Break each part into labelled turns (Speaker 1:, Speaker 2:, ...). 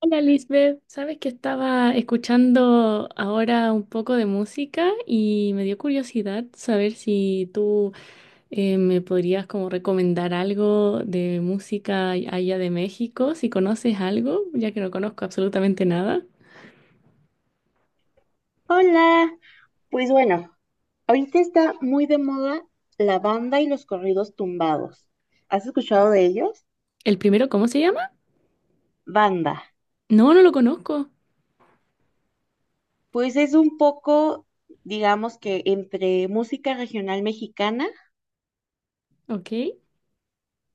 Speaker 1: Hola Lisbeth, sabes que estaba escuchando ahora un poco de música y me dio curiosidad saber si tú me podrías como recomendar algo de música allá de México, si conoces algo, ya que no conozco absolutamente nada.
Speaker 2: Hola, pues bueno, ahorita está muy de moda la banda y los corridos tumbados. ¿Has escuchado de ellos?
Speaker 1: ¿El primero cómo se llama?
Speaker 2: Banda.
Speaker 1: No, no lo conozco.
Speaker 2: Pues es un poco, digamos que entre música regional mexicana
Speaker 1: Ok,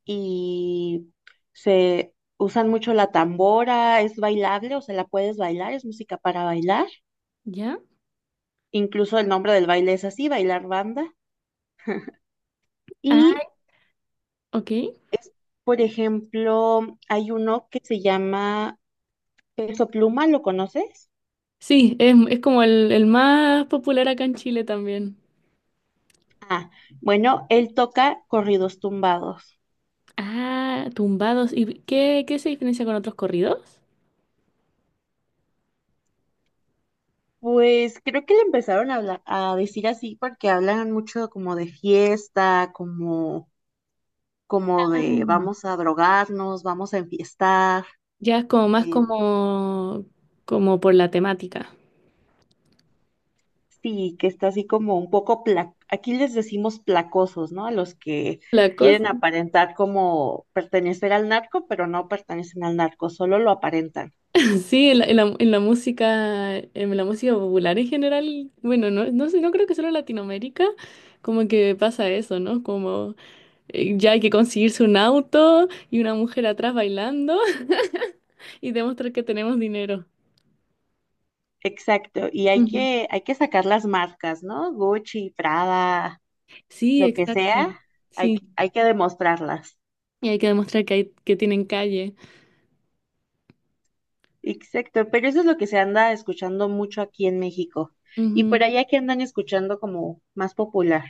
Speaker 2: y se usan mucho la tambora, es bailable, o sea, la puedes bailar, es música para bailar.
Speaker 1: ya.
Speaker 2: Incluso el nombre del baile es así, bailar banda.
Speaker 1: Ah,
Speaker 2: Y
Speaker 1: ok.
Speaker 2: es, por ejemplo, hay uno que se llama Peso Pluma, ¿lo conoces?
Speaker 1: Sí, es como el más popular acá en Chile también.
Speaker 2: Ah, bueno, él toca corridos tumbados.
Speaker 1: Ah, tumbados. ¿Y qué, qué se diferencia con otros corridos?
Speaker 2: Pues creo que le empezaron a, a decir así porque hablan mucho como de fiesta, como, como
Speaker 1: Ah.
Speaker 2: de vamos a drogarnos, vamos a enfiestar.
Speaker 1: Ya es como más
Speaker 2: eh,
Speaker 1: como por la temática.
Speaker 2: sí, que está así como un poco, aquí les decimos placosos, ¿no? A los que
Speaker 1: La
Speaker 2: quieren
Speaker 1: cosa,
Speaker 2: aparentar como pertenecer al narco, pero no pertenecen al narco, solo lo aparentan.
Speaker 1: sí, en la música popular en general, bueno, no, no sé, no creo que solo en Latinoamérica, como que pasa eso, ¿no? Como ya hay que conseguirse un auto y una mujer atrás bailando y demostrar que tenemos dinero.
Speaker 2: Exacto, y
Speaker 1: Ujú.
Speaker 2: hay que sacar las marcas, ¿no? Gucci, Prada.
Speaker 1: Sí,
Speaker 2: Lo que sea,
Speaker 1: exacto. Sí,
Speaker 2: hay que demostrarlas.
Speaker 1: y hay que demostrar que hay, que tienen calle.
Speaker 2: Exacto, pero eso es lo que se anda escuchando mucho aquí en México. Y por
Speaker 1: Ujú.
Speaker 2: allá, que andan escuchando como más popular?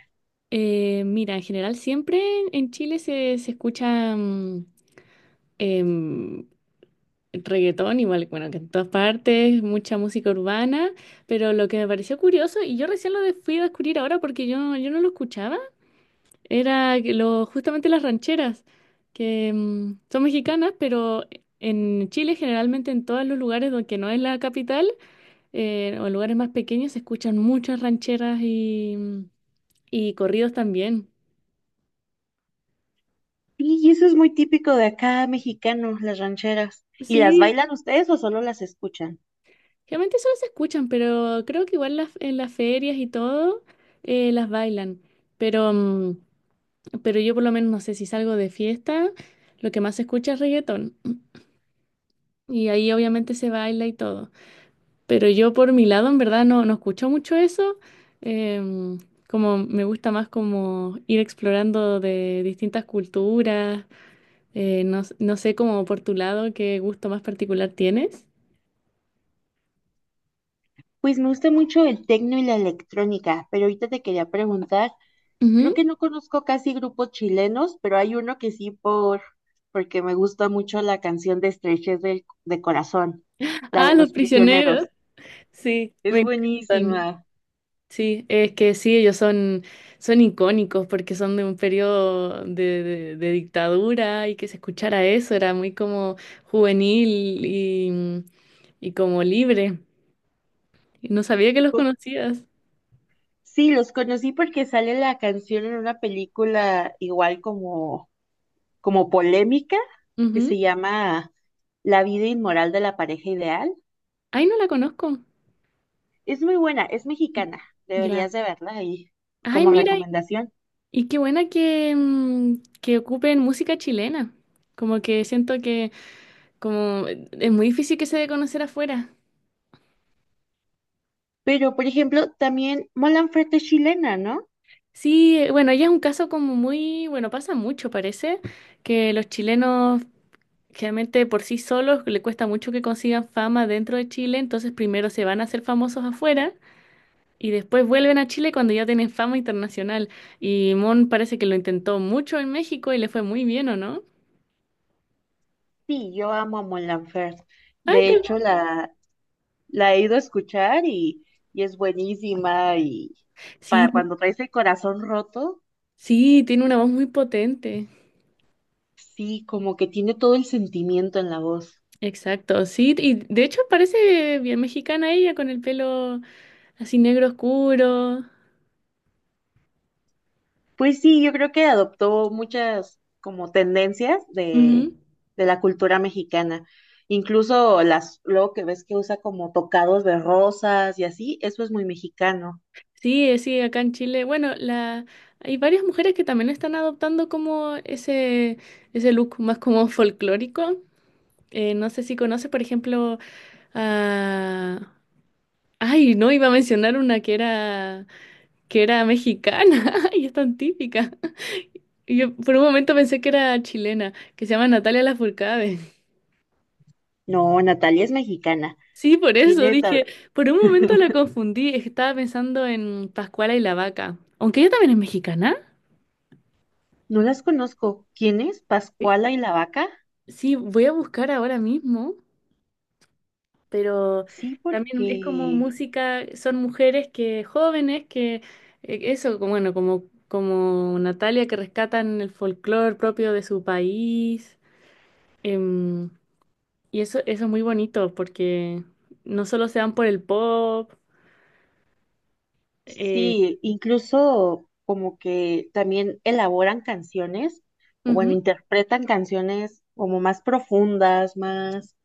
Speaker 1: Mira, en general siempre en Chile se escucha em, reggaetón, igual, bueno, que en todas partes, mucha música urbana, pero lo que me pareció curioso, y yo recién fui a descubrir ahora porque yo no lo escuchaba, era que lo, justamente las rancheras, que son mexicanas, pero en Chile generalmente en todos los lugares donde que no es la capital o en lugares más pequeños se escuchan muchas rancheras y corridos también.
Speaker 2: Sí, y eso es muy típico de acá, mexicanos, las rancheras. ¿Y las
Speaker 1: Sí.
Speaker 2: bailan ustedes o solo las escuchan?
Speaker 1: Realmente solo se escuchan, pero creo que igual las, en las ferias y todo las bailan. Pero, pero yo por lo menos no sé si salgo de fiesta, lo que más se escucha es reggaetón. Y ahí obviamente se baila y todo. Pero yo por mi lado en verdad no, no escucho mucho eso. em, Como me gusta más como ir explorando de distintas culturas. No, no sé como por tu lado qué gusto más particular tienes.
Speaker 2: Pues me gusta mucho el tecno y la electrónica, pero ahorita te quería preguntar, creo
Speaker 1: Ujú.
Speaker 2: que no conozco casi grupos chilenos, pero hay uno que sí porque me gusta mucho la canción de Estrechez de Corazón, la
Speaker 1: Ah,
Speaker 2: de
Speaker 1: los
Speaker 2: los
Speaker 1: prisioneros.
Speaker 2: prisioneros.
Speaker 1: Sí,
Speaker 2: Es
Speaker 1: me encantan.
Speaker 2: buenísima.
Speaker 1: Sí, es que sí, ellos son, son icónicos porque son de un periodo de dictadura y que se escuchara eso era muy como juvenil y, y como libre. Y no sabía que los
Speaker 2: O-
Speaker 1: conocías.
Speaker 2: Sí, los conocí porque sale la canción en una película igual como, como polémica que
Speaker 1: Ujú.
Speaker 2: se llama La vida inmoral de la pareja ideal.
Speaker 1: Ay, no la conozco.
Speaker 2: Es muy buena, es mexicana.
Speaker 1: Ya.
Speaker 2: Deberías de verla ahí
Speaker 1: Ay,
Speaker 2: como
Speaker 1: mira, y
Speaker 2: recomendación.
Speaker 1: y qué buena que, que ocupen música chilena. Como que siento que como es muy difícil que se dé a conocer afuera.
Speaker 2: Pero, por ejemplo, también Mon Laferte es chilena, ¿no?
Speaker 1: Sí, bueno, ella es un caso como muy, bueno, pasa mucho, parece, que los chilenos generalmente por sí solos le cuesta mucho que consigan fama dentro de Chile, entonces primero se van a hacer famosos afuera y después vuelven a Chile cuando ya tienen fama internacional. Y Mon parece que lo intentó mucho en México y le fue muy bien, ¿o no?
Speaker 2: Sí, yo amo a Mon Laferte.
Speaker 1: Ay,
Speaker 2: De hecho, la he ido a escuchar y es buenísima y
Speaker 1: sí,
Speaker 2: para cuando traes el corazón roto.
Speaker 1: sí, tiene una voz muy potente.
Speaker 2: Sí, como que tiene todo el sentimiento en la voz.
Speaker 1: Exacto, sí, y de hecho parece bien mexicana ella con el pelo así negro oscuro.
Speaker 2: Pues sí, yo creo que adoptó muchas como tendencias
Speaker 1: Ujú.
Speaker 2: de la cultura mexicana. Incluso las, luego que ves que usa como tocados de rosas y así, eso es muy mexicano.
Speaker 1: Sí, sí, acá en Chile. Bueno, la... hay varias mujeres que también están adoptando como ese look más como folclórico. No sé si conoces, por ejemplo, a... Ay, no, iba a mencionar una que era mexicana y es tan típica. Y yo por un momento pensé que era chilena, que se llama Natalia Lafourcade.
Speaker 2: No, Natalia es mexicana.
Speaker 1: Sí, por eso
Speaker 2: Tiene, ta-
Speaker 1: dije, por un momento la confundí, es que estaba pensando en Pascuala y la Vaca. Aunque ella también es mexicana.
Speaker 2: no las conozco. ¿Quién es? ¿Pascuala y la vaca?
Speaker 1: Sí, voy a buscar ahora mismo, pero
Speaker 2: Sí,
Speaker 1: también es como
Speaker 2: porque
Speaker 1: música, son mujeres que jóvenes que, eso, bueno, como Natalia que rescatan el folclore propio de su país. em, y eso es muy bonito porque no solo se van por el pop. eh,
Speaker 2: sí, incluso como que también elaboran canciones, o bueno,
Speaker 1: Ujú.
Speaker 2: interpretan canciones como más profundas, más...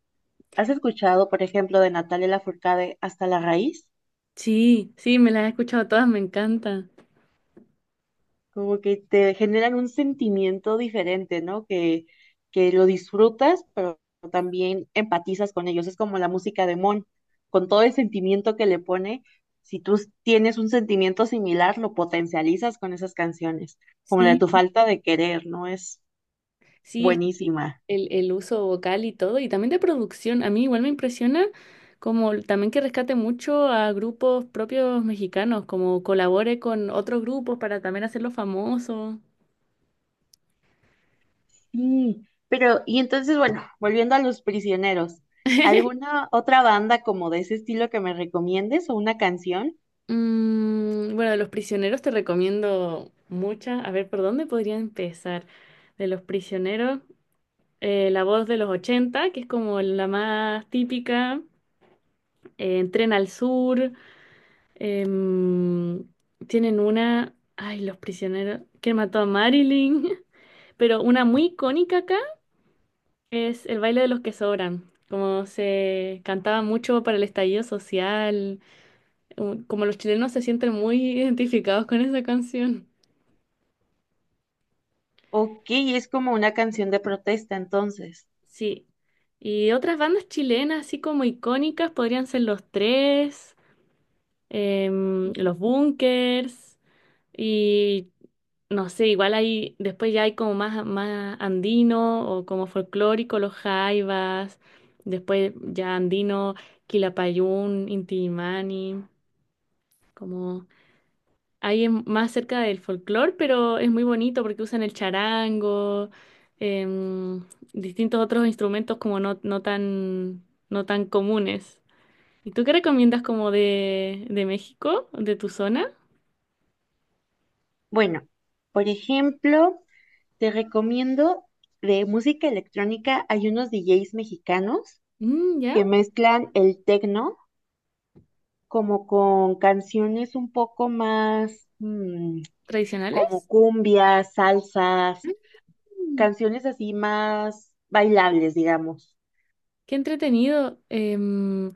Speaker 2: ¿Has escuchado, por ejemplo, de Natalia Lafourcade Hasta la raíz?
Speaker 1: Sí, sí, me las he escuchado todas, me encanta.
Speaker 2: Como que te generan un sentimiento diferente, ¿no? Que lo disfrutas, pero también empatizas con ellos. Es como la música de Mon, con todo el sentimiento que le pone. Si tienes un sentimiento similar, lo potencializas con esas canciones, como la de tu
Speaker 1: Sí.
Speaker 2: falta de querer, ¿no? Es
Speaker 1: Sí, es que
Speaker 2: buenísima.
Speaker 1: el uso vocal y todo, y también de producción. A mí igual me impresiona como también que rescate mucho a grupos propios mexicanos, como colabore con otros grupos para también hacerlos famosos.
Speaker 2: Sí, pero y entonces, bueno, volviendo a Los Prisioneros, ¿alguna otra banda como de ese estilo que me recomiendes o una canción?
Speaker 1: Mm, bueno, de Los Prisioneros te recomiendo muchas. A ver, ¿por dónde podría empezar? De Los Prisioneros, La Voz de los 80 que es como la más típica, Tren al Sur. Em, Tienen una, ay, los prisioneros, que mató a Marilyn, pero una muy icónica acá es el baile de los que sobran, como se cantaba mucho para el estallido social, como los chilenos se sienten muy identificados con esa canción.
Speaker 2: Ok, es como una canción de protesta, entonces.
Speaker 1: Sí. Y otras bandas chilenas, así como icónicas, podrían ser Los Tres, Los Bunkers. Y no sé, igual hay, después ya hay como más, más andino o como folclórico, los jaivas, después ya andino, Quilapayún, Intimani, como ahí es más cerca del folclore, pero es muy bonito porque usan el charango, em, distintos otros instrumentos como no, no tan comunes. ¿Y tú qué recomiendas como de México, de tu zona?
Speaker 2: Bueno, por ejemplo, te recomiendo de música electrónica, hay unos DJs mexicanos
Speaker 1: Mm,
Speaker 2: que
Speaker 1: ¿ya?
Speaker 2: mezclan el techno como con canciones un poco más
Speaker 1: ¿Tradicionales?
Speaker 2: como cumbias, salsas, canciones así más bailables, digamos.
Speaker 1: Qué entretenido,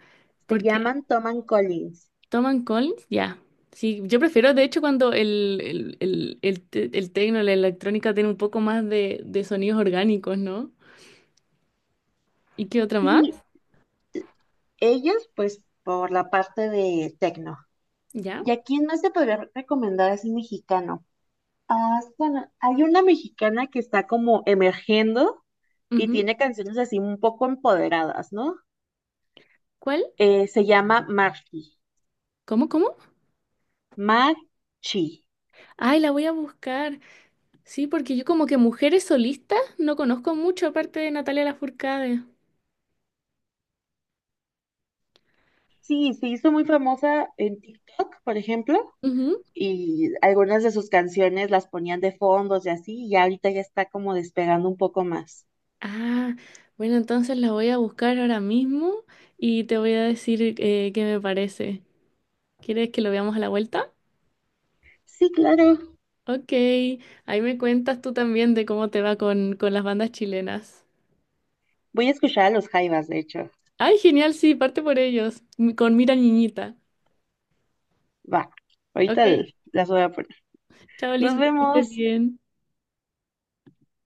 Speaker 2: Se
Speaker 1: porque
Speaker 2: llaman Tom and Collins.
Speaker 1: toman Collins, ya. Sí, yo prefiero, de hecho, cuando el tecno, la electrónica tiene un poco más de sonidos orgánicos, ¿no? ¿Y qué otra
Speaker 2: Y
Speaker 1: más?
Speaker 2: ellos, pues, por la parte de techno.
Speaker 1: Ya.
Speaker 2: ¿Y a quién más te podría recomendar así mexicano? Ah, bueno, hay una mexicana que está como emergiendo y
Speaker 1: Ujú.
Speaker 2: tiene canciones así un poco empoderadas, ¿no?
Speaker 1: ¿Cuál?
Speaker 2: Se llama Marchi.
Speaker 1: ¿Cómo, cómo?
Speaker 2: Marchi.
Speaker 1: Ay, la voy a buscar. Sí, porque yo como que mujeres solistas no conozco mucho aparte de Natalia Lafourcade.
Speaker 2: Sí, se hizo muy famosa en TikTok, por ejemplo,
Speaker 1: Ujú.
Speaker 2: y algunas de sus canciones las ponían de fondos y así, y ahorita ya está como despegando un poco más.
Speaker 1: Ah, bueno, entonces la voy a buscar ahora mismo y te voy a decir qué me parece. ¿Quieres que lo veamos a la vuelta?
Speaker 2: Sí, claro.
Speaker 1: Ok, ahí me cuentas tú también de cómo te va con las bandas chilenas.
Speaker 2: Voy a escuchar a los Jaivas, de hecho.
Speaker 1: Ay, genial, sí, parte por ellos, con Mira Niñita.
Speaker 2: Va,
Speaker 1: Ok,
Speaker 2: las voy a poner.
Speaker 1: chao
Speaker 2: Nos
Speaker 1: Lisbeth, que estés
Speaker 2: vemos.
Speaker 1: bien.